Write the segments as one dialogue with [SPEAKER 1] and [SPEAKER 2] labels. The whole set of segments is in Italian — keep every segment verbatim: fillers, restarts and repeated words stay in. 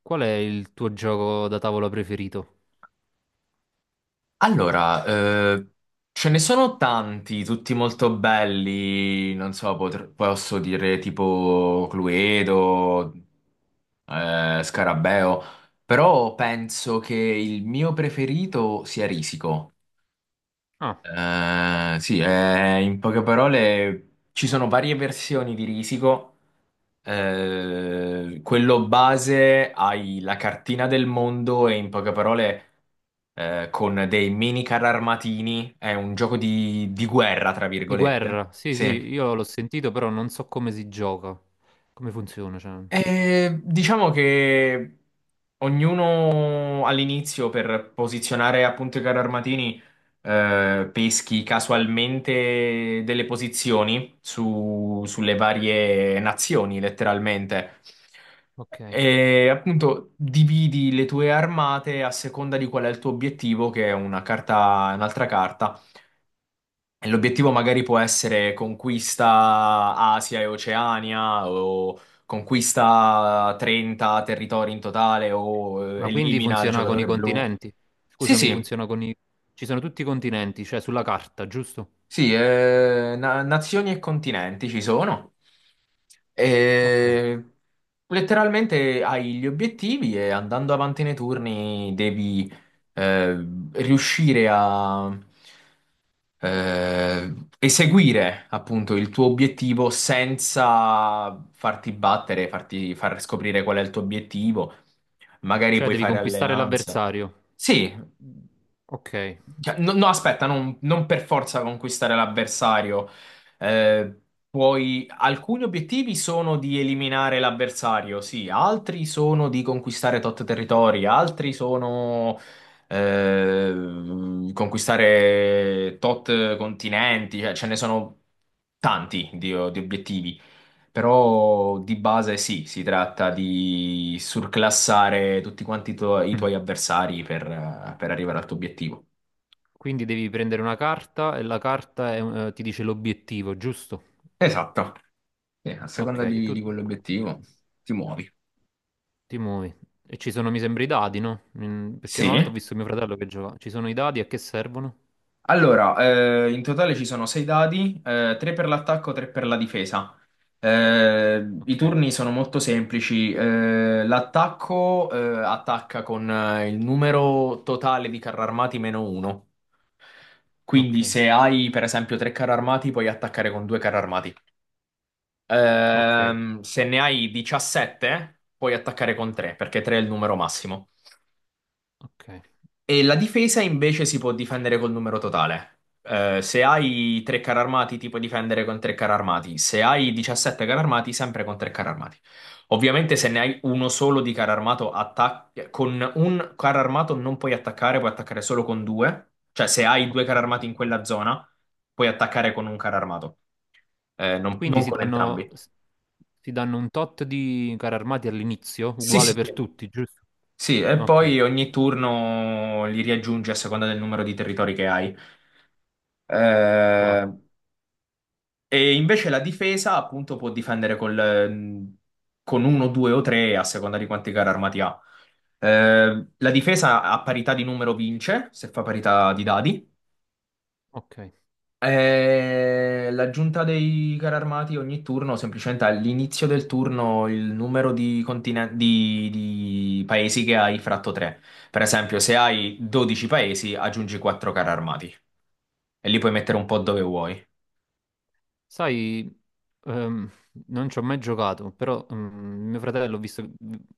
[SPEAKER 1] Qual è il tuo gioco da tavola preferito?
[SPEAKER 2] Allora, eh, ce ne sono tanti, tutti molto belli, non so, potr- posso dire tipo Cluedo, eh, Scarabeo, però penso che il mio preferito sia Risico.
[SPEAKER 1] Ah,
[SPEAKER 2] Eh, sì, eh, in poche parole ci sono varie versioni di Risico. Eh, quello base hai la cartina del mondo e in poche parole eh, con dei mini carri armatini, è un gioco di, di guerra, tra
[SPEAKER 1] di
[SPEAKER 2] virgolette.
[SPEAKER 1] guerra. Sì,
[SPEAKER 2] Sì.
[SPEAKER 1] sì, io l'ho sentito, però non so come si gioca, come funziona, cioè.
[SPEAKER 2] E diciamo che ognuno all'inizio per posizionare appunto i carri armatini eh, peschi casualmente delle posizioni su- sulle varie nazioni, letteralmente.
[SPEAKER 1] Ok.
[SPEAKER 2] E appunto dividi le tue armate a seconda di qual è il tuo obiettivo, che è una carta, un'altra carta. L'obiettivo magari può essere conquista Asia e Oceania o conquista trenta territori in totale o eh,
[SPEAKER 1] Ma quindi
[SPEAKER 2] elimina il
[SPEAKER 1] funziona con i
[SPEAKER 2] giocatore blu.
[SPEAKER 1] continenti?
[SPEAKER 2] Sì,
[SPEAKER 1] Scusami,
[SPEAKER 2] sì,
[SPEAKER 1] funziona con i... Ci sono tutti i continenti, cioè sulla carta, giusto?
[SPEAKER 2] sì, eh, na- nazioni e continenti ci sono.
[SPEAKER 1] Ok.
[SPEAKER 2] E letteralmente hai gli obiettivi e andando avanti nei turni devi eh, riuscire a eh, eseguire appunto il tuo obiettivo senza farti battere, farti far scoprire qual è il tuo obiettivo, magari
[SPEAKER 1] Cioè
[SPEAKER 2] puoi
[SPEAKER 1] devi
[SPEAKER 2] fare
[SPEAKER 1] conquistare
[SPEAKER 2] alleanza.
[SPEAKER 1] l'avversario.
[SPEAKER 2] Sì,
[SPEAKER 1] Ok.
[SPEAKER 2] cioè, no, no, aspetta, non, non per forza conquistare l'avversario. Eh, puoi- Alcuni obiettivi sono di eliminare l'avversario, sì, altri sono di conquistare tot territori, altri sono eh, conquistare tot continenti, cioè, ce ne sono tanti di, di obiettivi. Però di base sì, si tratta di surclassare tutti quanti i tuoi i
[SPEAKER 1] Mm.
[SPEAKER 2] tuoi avversari per eh, per arrivare al tuo obiettivo.
[SPEAKER 1] Quindi devi prendere una carta e la carta è un- eh, ti dice l'obiettivo, giusto?
[SPEAKER 2] Esatto. Sì, a
[SPEAKER 1] Ok,
[SPEAKER 2] seconda
[SPEAKER 1] e
[SPEAKER 2] di,
[SPEAKER 1] tu
[SPEAKER 2] di quell'obiettivo ti muovi.
[SPEAKER 1] Timui. E ci sono, mi sembra, i dadi, no? Mm. Perché
[SPEAKER 2] Sì.
[SPEAKER 1] una volta ho visto mio fratello che giocava. Ci sono i dadi a che servono?
[SPEAKER 2] Allora, eh, in totale ci sono sei dadi, eh, tre per l'attacco, tre per la difesa. Eh, I
[SPEAKER 1] Ok,
[SPEAKER 2] turni sono molto semplici. eh, l'attacco, eh, attacca con eh, il numero totale di carri armati meno uno. Quindi
[SPEAKER 1] ok,
[SPEAKER 2] se hai per esempio tre carri armati, puoi attaccare con due carri armati.
[SPEAKER 1] ok,
[SPEAKER 2] Ehm, se ne hai diciassette, puoi attaccare con tre, perché tre è il numero massimo.
[SPEAKER 1] ok,
[SPEAKER 2] E la difesa invece si può difendere col numero totale. Eh, se hai tre carri armati, ti puoi difendere con tre carri armati. Se hai diciassette carri armati, sempre con tre carri armati. Ovviamente, se ne hai uno solo di carro armato, attac- con un carro armato non puoi attaccare, puoi attaccare solo con due. Cioè, se hai due carri
[SPEAKER 1] ok.
[SPEAKER 2] armati in quella zona, puoi attaccare con un carro armato. Eh, non,
[SPEAKER 1] Quindi
[SPEAKER 2] non
[SPEAKER 1] si
[SPEAKER 2] con
[SPEAKER 1] danno,
[SPEAKER 2] entrambi.
[SPEAKER 1] si danno un tot di carri armati all'inizio,
[SPEAKER 2] Sì,
[SPEAKER 1] uguale
[SPEAKER 2] sì,
[SPEAKER 1] per
[SPEAKER 2] sì.
[SPEAKER 1] tutti, giusto?
[SPEAKER 2] Sì, e
[SPEAKER 1] Ok,
[SPEAKER 2] poi ogni turno li riaggiungi a seconda del numero di territori che hai.
[SPEAKER 1] wow,
[SPEAKER 2] Eh, E invece la difesa, appunto, può difendere col- mm, con uno, due o tre a seconda di quanti carri armati ha. Eh, la difesa a parità di numero vince, se fa parità di dadi.
[SPEAKER 1] ok.
[SPEAKER 2] Eh, l'aggiunta dei carri armati ogni turno, semplicemente all'inizio del turno, il numero di, continen- di- di paesi che hai fratto tre. Per esempio, se hai dodici paesi, aggiungi quattro carri armati e li puoi mettere un po' dove vuoi.
[SPEAKER 1] Sai, ehm, non ci ho mai giocato, però mm, mio fratello ho visto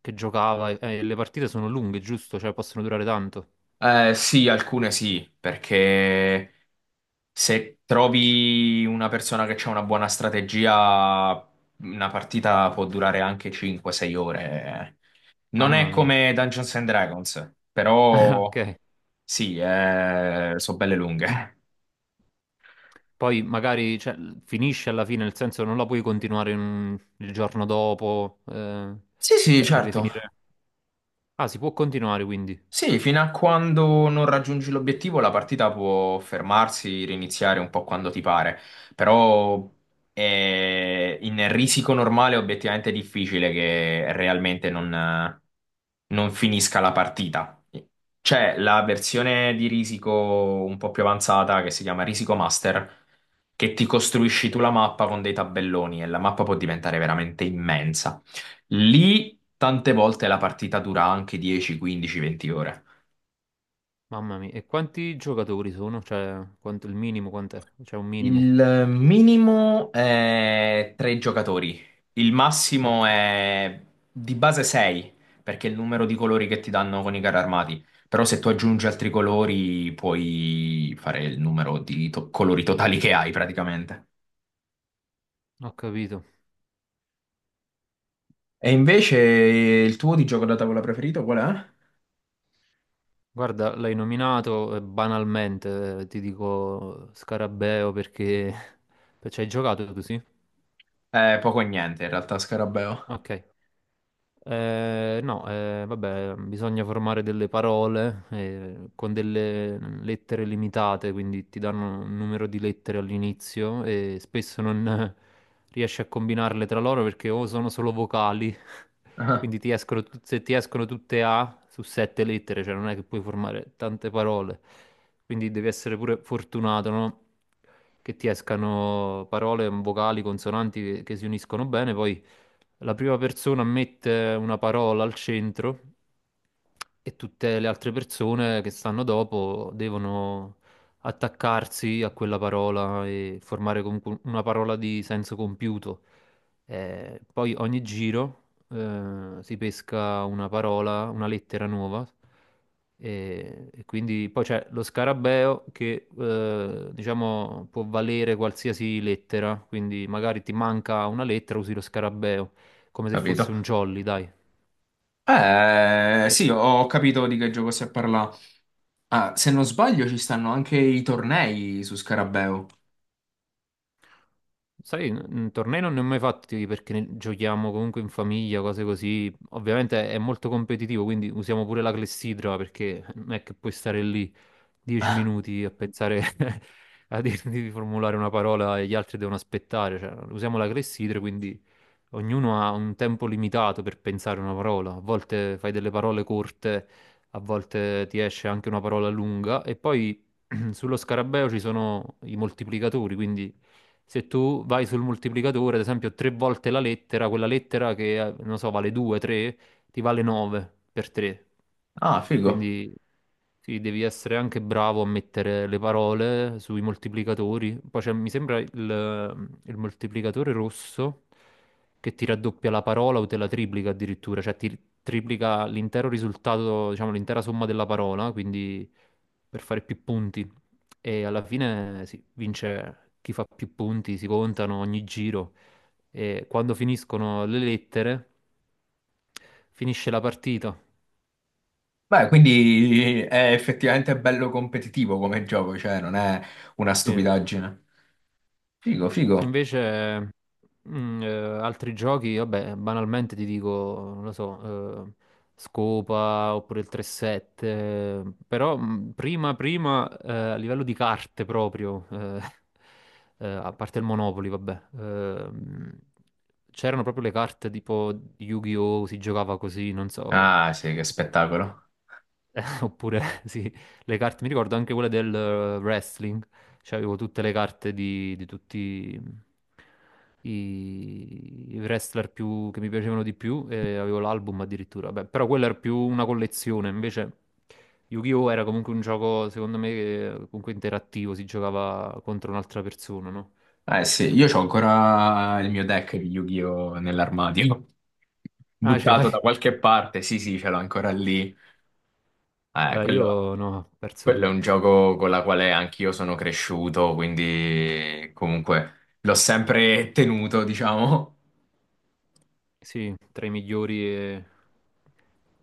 [SPEAKER 1] che giocava e e le partite sono lunghe, giusto? Cioè possono durare tanto.
[SPEAKER 2] Eh, sì, alcune sì, perché. Se trovi una persona che ha una buona strategia, una partita può durare anche cinque sei ore. Non è
[SPEAKER 1] Mamma mia.
[SPEAKER 2] come Dungeons and Dragons, però
[SPEAKER 1] Ok.
[SPEAKER 2] sì, eh, sono belle lunghe.
[SPEAKER 1] Poi magari cioè, finisce alla fine, nel senso non la puoi continuare in un- il giorno dopo, eh,
[SPEAKER 2] Sì, sì,
[SPEAKER 1] cioè deve
[SPEAKER 2] certo.
[SPEAKER 1] finire. Ah, si può continuare quindi.
[SPEAKER 2] Sì, fino a quando non raggiungi l'obiettivo la partita può fermarsi, riniziare un po' quando ti pare, però è- in risico normale è obiettivamente difficile che realmente non, non finisca la partita. C'è la versione di risico un po' più avanzata che si chiama Risico Master, che ti costruisci tu
[SPEAKER 1] Ok.
[SPEAKER 2] la mappa con dei tabelloni e la mappa può diventare veramente immensa. Lì tante volte la partita dura anche dieci, quindici, venti ore.
[SPEAKER 1] Mamma mia, e quanti giocatori sono? Cioè, quanto, il minimo quant'è? C'è un minimo.
[SPEAKER 2] Il minimo è tre giocatori, il massimo
[SPEAKER 1] Ok,
[SPEAKER 2] è di base sei, perché è il numero di colori che ti danno con i carri armati. Però se tu aggiungi altri colori puoi fare il numero di to- colori totali che hai praticamente.
[SPEAKER 1] ho capito.
[SPEAKER 2] E invece il tuo di gioco da tavola preferito qual
[SPEAKER 1] Guarda, l'hai nominato eh, banalmente, eh, ti dico Scarabeo perché... Ci hai giocato tu, sì?
[SPEAKER 2] è? Eh, poco e niente in realtà, Scarabeo.
[SPEAKER 1] Ok. Eh, no, eh, vabbè, bisogna formare delle parole eh, con delle lettere limitate, quindi ti danno un numero di lettere all'inizio e spesso non eh, riesci a combinarle tra loro perché o sono solo vocali,
[SPEAKER 2] Ah,
[SPEAKER 1] quindi ti escono, tut- se ti escono tutte A su sette lettere, cioè non è che puoi formare tante parole, quindi devi essere pure fortunato, no? Che ti escano parole vocali, consonanti che, che si uniscono bene, poi la prima persona mette una parola al centro e tutte le altre persone che stanno dopo devono attaccarsi a quella parola e formare comunque una parola di senso compiuto. Eh, poi ogni giro eh, si pesca una parola, una lettera nuova. E, e quindi poi c'è lo scarabeo che eh, diciamo può valere qualsiasi lettera, quindi magari ti manca una lettera, usi lo scarabeo come se fosse
[SPEAKER 2] capito.
[SPEAKER 1] un jolly, dai.
[SPEAKER 2] Eh,
[SPEAKER 1] Come-
[SPEAKER 2] sì, ho capito di che gioco si parla. Ah, se non sbaglio ci stanno anche i tornei su Scarabeo.
[SPEAKER 1] Sai, n- tornei non ne ho mai fatti perché ne- giochiamo comunque in famiglia, cose così. Ovviamente è molto competitivo, quindi usiamo pure la clessidra perché non è che puoi stare lì dieci
[SPEAKER 2] Ah,
[SPEAKER 1] minuti a pensare a di di formulare una parola e gli altri devono aspettare. Cioè, usiamo la clessidra, quindi ognuno ha un tempo limitato per pensare una parola. A volte fai delle parole corte, a volte ti esce anche una parola lunga. E poi sullo scarabeo ci sono i moltiplicatori, quindi se tu vai sul moltiplicatore, ad esempio, tre volte la lettera, quella lettera che, eh, non so, vale due, tre, ti vale nove per tre.
[SPEAKER 2] figo.
[SPEAKER 1] Quindi sì, devi essere anche bravo a mettere le parole sui moltiplicatori. Poi c'è, mi sembra il, il moltiplicatore rosso che ti raddoppia la parola o te la triplica addirittura, cioè ti triplica l'intero risultato, diciamo l'intera somma della parola, quindi per fare più punti. E alla fine sì, vince chi fa più punti, si contano ogni giro e quando finiscono le lettere finisce la partita.
[SPEAKER 2] Beh, quindi è effettivamente bello competitivo come gioco, cioè non è una
[SPEAKER 1] Sì.
[SPEAKER 2] stupidaggine. Figo, figo.
[SPEAKER 1] Invece, mm, eh, altri giochi, vabbè, banalmente ti dico, non lo so, eh, Scopa oppure il tre sette, eh, però mm, prima, prima, eh, a livello di carte proprio, eh, eh, a parte il Monopoli, vabbè, ehm, c'erano proprio le carte tipo di Yu-Gi-Oh! Si giocava così, non so.
[SPEAKER 2] Ah, sì, che spettacolo.
[SPEAKER 1] Eh, Oppure, sì, le carte, mi ricordo anche quelle del eh, wrestling, cioè avevo tutte le carte di, di tutti i, i wrestler più, che mi piacevano di più e avevo l'album addirittura. Beh, però quella era più una collezione, invece Yu-Gi-Oh! Era comunque un gioco, secondo me, che- comunque interattivo, si giocava contro un'altra persona, no?
[SPEAKER 2] Eh sì, io ho ancora il mio deck di Yu-Gi-Oh! Nell'armadio,
[SPEAKER 1] Ah, ce
[SPEAKER 2] buttato da
[SPEAKER 1] l'hai?
[SPEAKER 2] qualche parte. Sì, sì, ce l'ho ancora lì. Eh,
[SPEAKER 1] Eh,
[SPEAKER 2] quello,
[SPEAKER 1] io no, ho perso
[SPEAKER 2] quello è un
[SPEAKER 1] tutto.
[SPEAKER 2] gioco con la quale anch'io sono cresciuto, quindi comunque l'ho sempre tenuto, diciamo.
[SPEAKER 1] Sì, tra i migliori e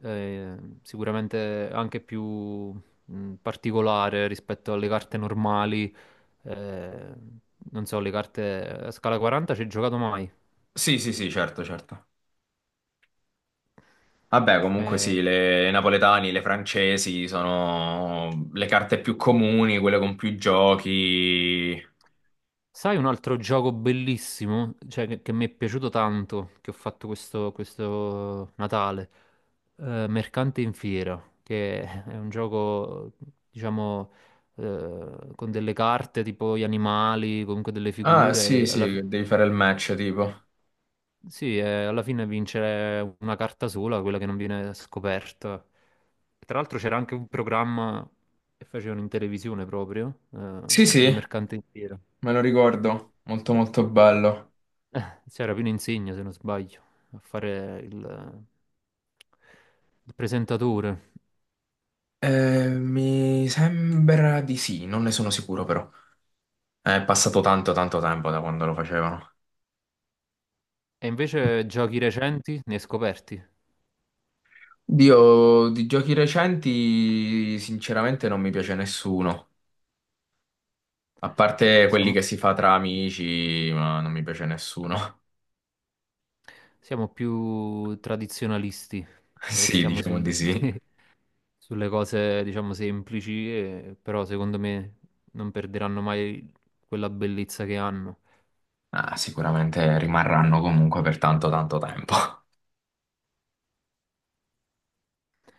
[SPEAKER 1] eh, sicuramente anche più mh, particolare rispetto alle carte normali. eh, Non so, le carte a scala quaranta ci hai giocato mai?
[SPEAKER 2] Sì, sì, sì, certo, certo. Vabbè, comunque sì,
[SPEAKER 1] Eh,
[SPEAKER 2] le napoletani, le francesi sono le carte più comuni, quelle con più giochi.
[SPEAKER 1] Sai un altro gioco bellissimo, cioè che, che mi è piaciuto tanto, che ho fatto questo, questo Natale? Eh, Mercante in Fiera, che è un gioco, diciamo, eh, con delle carte tipo gli animali, comunque delle
[SPEAKER 2] Ah, sì,
[SPEAKER 1] figure. E alla, fi-
[SPEAKER 2] sì, devi fare il match, tipo.
[SPEAKER 1] sì, eh, alla fine vince una carta sola, quella che non viene scoperta. Tra l'altro c'era anche un programma che facevano in televisione proprio,
[SPEAKER 2] Sì,
[SPEAKER 1] eh, sul
[SPEAKER 2] sì,
[SPEAKER 1] Mercante in Fiera.
[SPEAKER 2] me lo ricordo. Molto, molto bello.
[SPEAKER 1] Eh, C'era Pino Insegno, se non sbaglio, a fare il, il presentatore.
[SPEAKER 2] Eh, mi sembra di sì, non ne sono sicuro però. È passato tanto, tanto tempo da quando lo facevano.
[SPEAKER 1] E invece giochi recenti ne scoperti.
[SPEAKER 2] Dio, di giochi recenti, sinceramente non mi piace nessuno. A parte quelli
[SPEAKER 1] Siamo,
[SPEAKER 2] che si fa tra amici, ma non mi piace nessuno.
[SPEAKER 1] siamo più tradizionalisti,
[SPEAKER 2] Sì,
[SPEAKER 1] restiamo
[SPEAKER 2] diciamo di
[SPEAKER 1] sul-
[SPEAKER 2] sì.
[SPEAKER 1] sulle cose, diciamo, semplici, e- però secondo me non perderanno mai quella bellezza che hanno.
[SPEAKER 2] Ah, sicuramente rimarranno comunque per tanto tanto tempo.